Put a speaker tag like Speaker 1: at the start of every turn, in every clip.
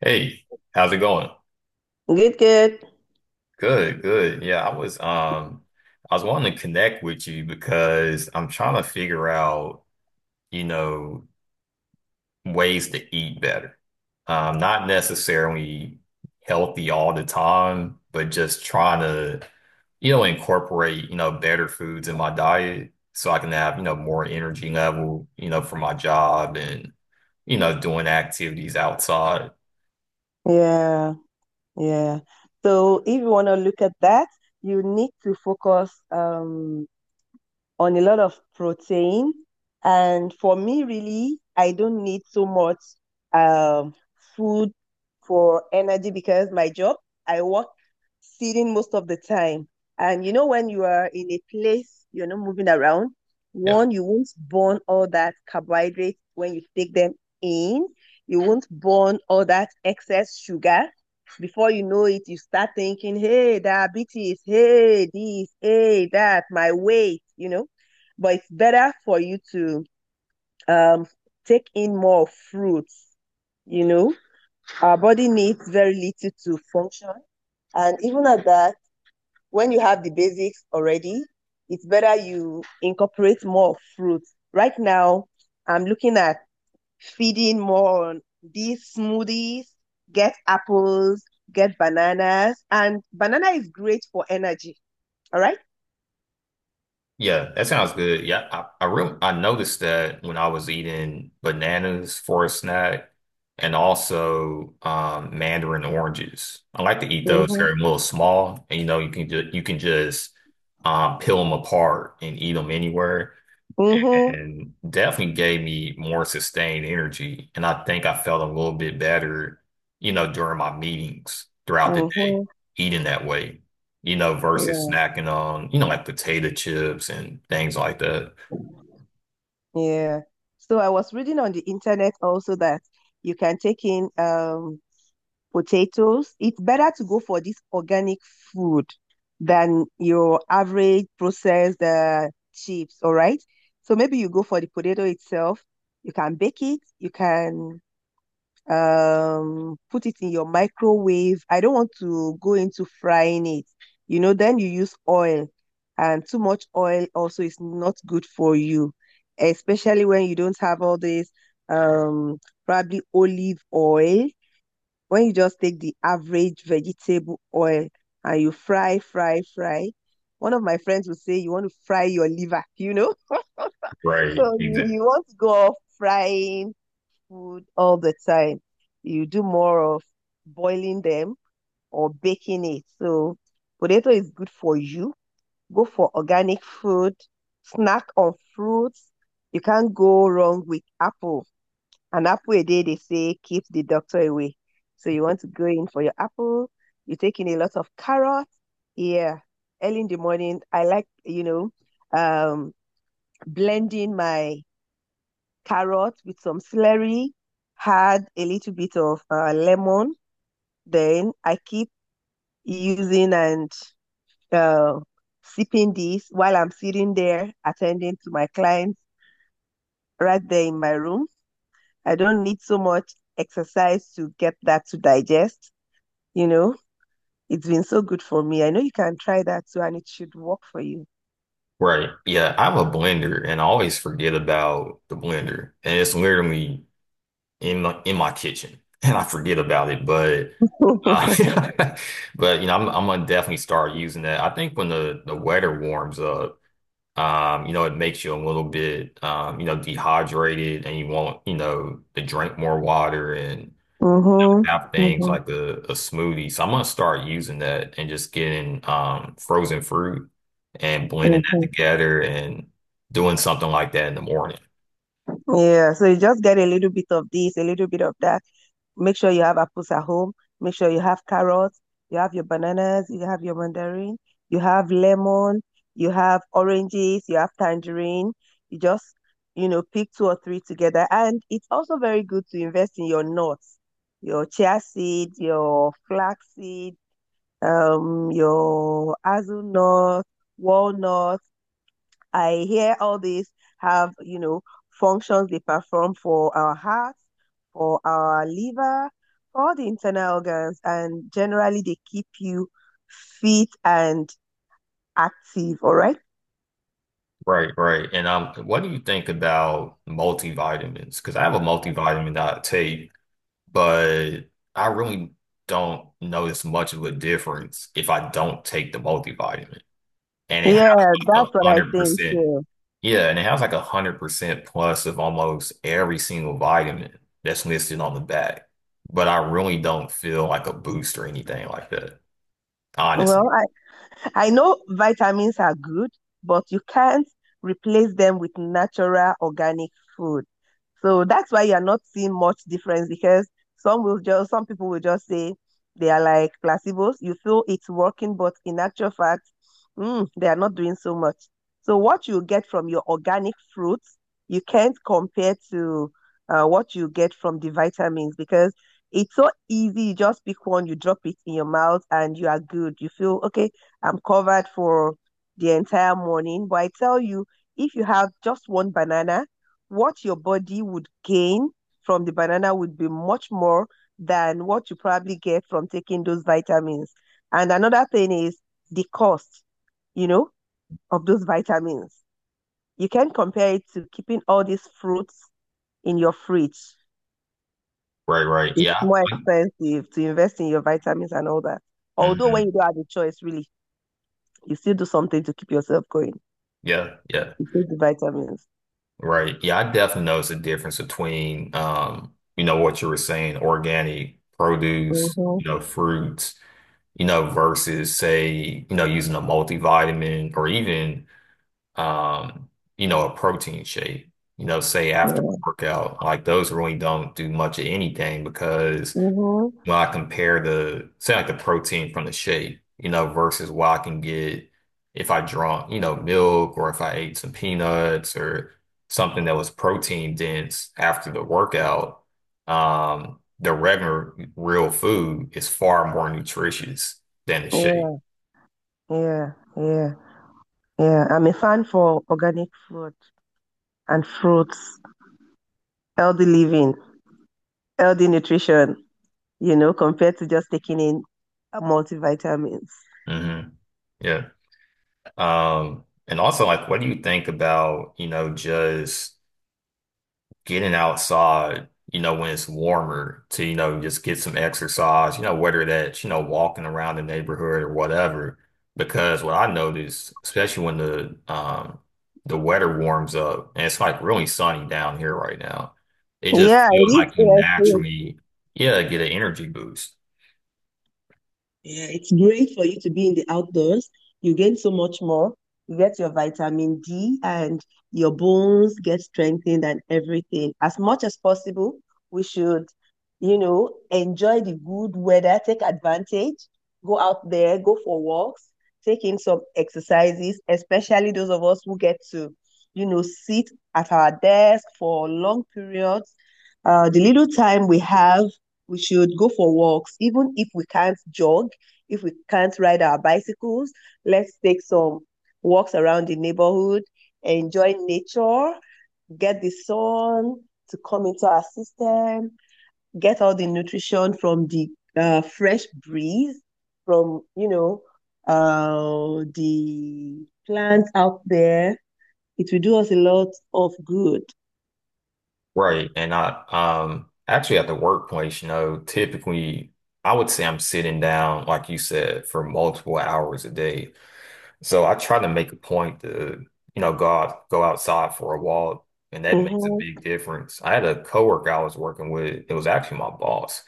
Speaker 1: Hey, how's it going?
Speaker 2: Good, good.
Speaker 1: Good, good. Yeah, I was wanting to connect with you because I'm trying to figure out, you know, ways to eat better. Not necessarily healthy all the time, but just trying to, incorporate, better foods in my diet so I can have, more energy level, for my job and, doing activities outside.
Speaker 2: Yeah, yeah. So if you want to look at that, you need to focus on a lot of protein. And for me, really, I don't need so much um, food for energy because my job, I work sitting most of the time. And you know, when you are in a place, you're not moving around,
Speaker 1: Yeah.
Speaker 2: one, you won't burn all that carbohydrate when you take them in. You won't burn all that excess sugar. Before you know it, you start thinking, hey, diabetes, hey, this, hey, that, my weight, but it's better for you to um, take in more fruits. You know, our body needs very little to function. And even at that, when you have the basics already, it's better you incorporate more fruits. Right now, I'm looking at feeding more on these smoothies, get apples, get bananas. And banana is great for energy. All right?
Speaker 1: Yeah, that sounds good. Yeah, I really I noticed that when I was eating bananas for a snack, and also mandarin oranges. I like to eat those.
Speaker 2: Mm-hmm.
Speaker 1: They're a little small, and you know you can just peel them apart and eat them anywhere,
Speaker 2: Mm-hmm.
Speaker 1: and definitely gave me more sustained energy. And I think I felt a little bit better, during my meetings throughout the day,
Speaker 2: Mm-hmm.
Speaker 1: eating that way, versus
Speaker 2: Yeah.
Speaker 1: snacking on, like potato chips and things like that.
Speaker 2: Yeah. So I was reading on the internet also that you can take in potatoes. It's better to go for this organic food than your average processed chips, all right? So maybe you go for the potato itself. You can bake it, you can put it in your microwave. I don't want to go into frying it. You know, then you use oil, and too much oil also is not good for you, especially when you don't have all this um probably olive oil. When you just take the average vegetable oil and you fry, fry, fry. One of my friends would say you want to fry your liver, you know?
Speaker 1: Right.
Speaker 2: So you,
Speaker 1: Exactly.
Speaker 2: you want to go off frying food all the time. You do more of boiling them or baking it. So potato is good for you. Go for organic food, snack on fruits. You can't go wrong with apple. An apple a day, they say, keeps the doctor away. So you want to go in for your apple. You take in a lot of carrots. Yeah. Early in the morning, I like, you know, um, blending my carrot with some celery, add a little bit of lemon. Then I keep using and uh, sipping this while I'm sitting there attending to my clients right there in my room. I don't need so much exercise to get that to digest. You know, it's been so good for me. I know you can try that too, and it should work for you.
Speaker 1: Right. Yeah. I have a blender, and I always forget about the blender. And it's literally in my kitchen and I forget about it. But uh,
Speaker 2: Mm-hmm,
Speaker 1: but I'm gonna definitely start using that. I think when the weather warms up. It makes you a little bit, dehydrated, and you want, to drink more water and have things
Speaker 2: mm-hmm,
Speaker 1: like a smoothie. So I'm gonna start using that and just getting frozen fruit and blending that
Speaker 2: mm-hmm.
Speaker 1: together and doing something like that in the morning.
Speaker 2: Yeah, so you just get a little bit of this, a little bit of that. Make sure you have apples at home. Make sure you have carrots, you have your bananas, you have your mandarin, you have lemon, you have oranges, you have tangerine. You just, you know, pick two or three together. And it's also very good to invest in your nuts, your chia seed, your flax seed, your hazelnut, walnut, I hear all these have, you know, functions they perform for our heart, for our liver, for all the internal organs, and generally they keep you fit and active. All right.
Speaker 1: Right, right. And what do you think about multivitamins? Because I have a multivitamin that I take, but I really don't notice much of a difference if I don't take the multivitamin. And it.
Speaker 2: Yeah,
Speaker 1: A
Speaker 2: that's what I
Speaker 1: hundred
Speaker 2: think
Speaker 1: percent.
Speaker 2: too.
Speaker 1: Yeah, and it has like 100% plus of almost every single vitamin that's listed on the back. But I really don't feel like a boost or anything like that. Honestly.
Speaker 2: Well, I know vitamins are good, but you can't replace them with natural organic food. So that's why you're not seeing much difference because some people will just say they are like placebos. You feel it's working, but in actual fact, they are not doing so much. So what you get from your organic fruits, you can't compare to what you get from the vitamins because it's so easy. You just pick one, you drop it in your mouth, and you are good. You feel okay I'm covered for the entire morning. But I tell you, if you have just one banana, what your body would gain from the banana would be much more than what you probably get from taking those vitamins. And another thing is the cost, you know, of those vitamins. You can compare it to keeping all these fruits in your fridge.
Speaker 1: Right, right.
Speaker 2: It's
Speaker 1: Yeah.
Speaker 2: more expensive to invest in your vitamins and all that. Although when
Speaker 1: Hmm.
Speaker 2: you don't have a choice, really, you still do something to keep yourself going.
Speaker 1: Yeah, yeah.
Speaker 2: Take the vitamins.
Speaker 1: Right. Yeah, I definitely notice a difference between what you were saying, organic produce,
Speaker 2: Mm-hmm.
Speaker 1: fruits, versus say, using a multivitamin, or even um, a protein shake, say after a
Speaker 2: Yeah.
Speaker 1: workout. Like, those really don't do much of anything, because
Speaker 2: Mm-hmm.
Speaker 1: when I compare the, say like the protein from the shake, versus what I can get if I drunk, milk, or if I ate some peanuts or something that was protein dense after the workout, the regular real food is far more nutritious than the shake.
Speaker 2: Yeah. Yeah. Yeah. Yeah. I'm a fan for organic food and fruits, healthy living, healthy nutrition, you know, compared to just taking in multivitamins.
Speaker 1: Hmm. Yeah. And also, like, what do you think about, just getting outside, when it's warmer, to, just get some exercise, whether that's, walking around the neighborhood or whatever? Because what I noticed, especially when the weather warms up and it's like really sunny down here right now, it just
Speaker 2: Yeah, it
Speaker 1: feels like
Speaker 2: is. A
Speaker 1: you
Speaker 2: S A.
Speaker 1: naturally, yeah, get an energy boost.
Speaker 2: Yeah, it's great for you to be in the outdoors. You gain so much more. You get your vitamin D and your bones get strengthened and everything. As much as possible, we should, you know, enjoy the good weather, take advantage, go out there, go for walks, take in some exercises, especially those of us who get to, you know, sit at our desk for long periods. The little time we have, we should go for walks, even if we can't jog if we can't ride our bicycles, let's take some walks around the neighborhood, enjoy nature, get the sun to come into our system, get all the nutrition from the fresh breeze, from, you know, the plants out there. It will do us a lot of good.
Speaker 1: Right. And I actually at the workplace, typically I would say I'm sitting down, like you said, for multiple hours a day. So I try to make a point to, go outside for a walk, and that makes a
Speaker 2: Mm-hmm,
Speaker 1: big difference. I had a coworker I was working with; it was actually my boss,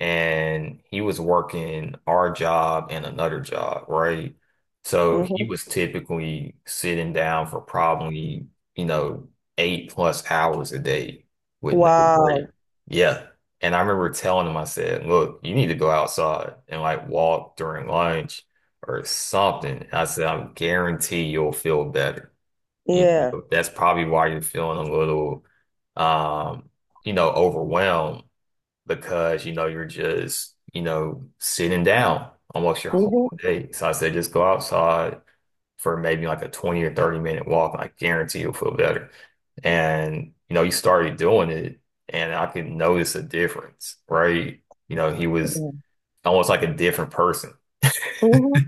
Speaker 1: and he was working our job and another job, right? So he
Speaker 2: mm-hmm.
Speaker 1: was typically sitting down for probably, you know, 8+ hours a day with no break.
Speaker 2: Wow.
Speaker 1: Yeah. And I remember telling him, I said, look, you need to go outside and like walk during lunch or something. I said, I guarantee you'll feel better. You
Speaker 2: Yeah.
Speaker 1: know, that's probably why you're feeling a little, um, overwhelmed, because you're just sitting down almost your whole
Speaker 2: Mm-hmm.
Speaker 1: day. So I said, just go outside for maybe like a 20 or 30-minute walk, and I guarantee you'll feel better. And he started doing it, and I could notice a difference, right? He was
Speaker 2: Mm-hmm.
Speaker 1: almost like a different person.
Speaker 2: Mm-hmm.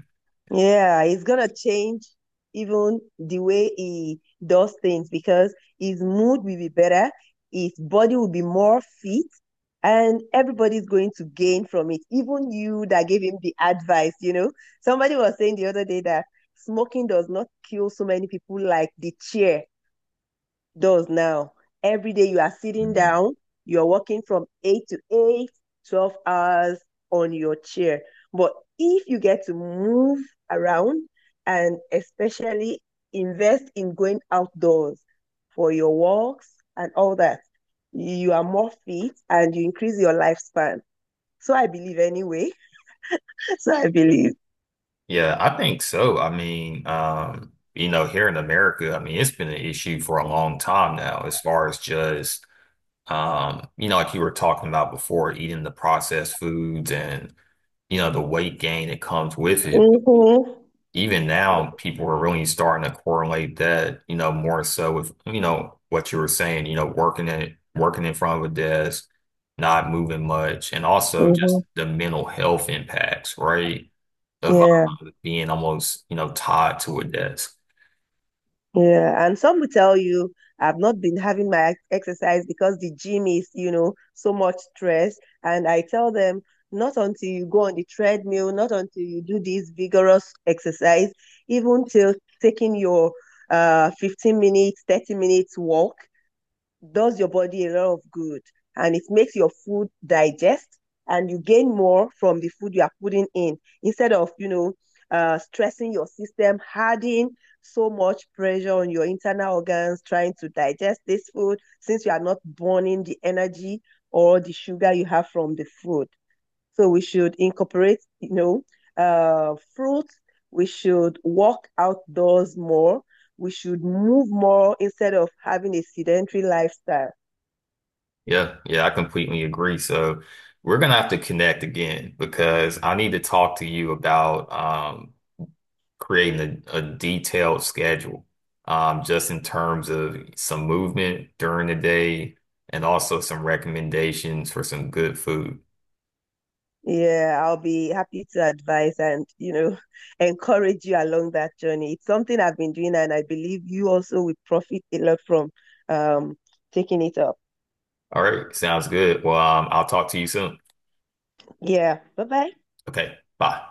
Speaker 2: Yeah, he's gonna change even the way he does things because his mood will be better, his body will be more fit, and everybody's going to gain from it. Even you that gave him the advice, you know. Somebody was saying the other day that smoking does not kill so many people like the chair does now. Every day you are sitting
Speaker 1: Mhm.
Speaker 2: down, you're working from 8 to 8, 12 hours on your chair. But if you get to move around and especially invest in going outdoors for your walks and all that, you are more fit and you increase your lifespan. So I believe anyway. So I believe.
Speaker 1: Yeah, I think so. I mean, here in America, I mean, it's been an issue for a long time now, as far as just like you were talking about before, eating the processed foods and, the weight gain that comes with it.
Speaker 2: Mm-hmm.
Speaker 1: Even now, people are really starting to correlate that, more so with, what you were saying, working in front of a desk, not moving much, and also
Speaker 2: Mm-hmm.
Speaker 1: just the mental health impacts, right? Of
Speaker 2: Yeah.
Speaker 1: being almost, tied to a desk.
Speaker 2: Yeah, and some will tell you I've not been having my exercise because the gym is, you know, so much stress. And I tell them, not until you go on the treadmill, not until you do this vigorous exercise, even till taking your 15 minutes, 30 minutes walk, does your body a lot of good and it makes your food digest and you gain more from the food you are putting in instead of, you know, stressing your system, adding so much pressure on your internal organs trying to digest this food since you are not burning the energy or the sugar you have from the food. So we should incorporate, you know, fruits. We should walk outdoors more. We should move more instead of having a sedentary lifestyle.
Speaker 1: Yeah, yeah, I completely agree. So we're gonna have to connect again because I need to talk to you about creating a detailed schedule, just in terms of some movement during the day and also some recommendations for some good food.
Speaker 2: Yeah, I'll be happy to advise and, you know, encourage you along that journey. It's something I've been doing, and I believe you also will profit a lot from um taking it up.
Speaker 1: All right, sounds good. Well, I'll talk to you soon.
Speaker 2: Yeah. Bye bye.
Speaker 1: Okay, bye.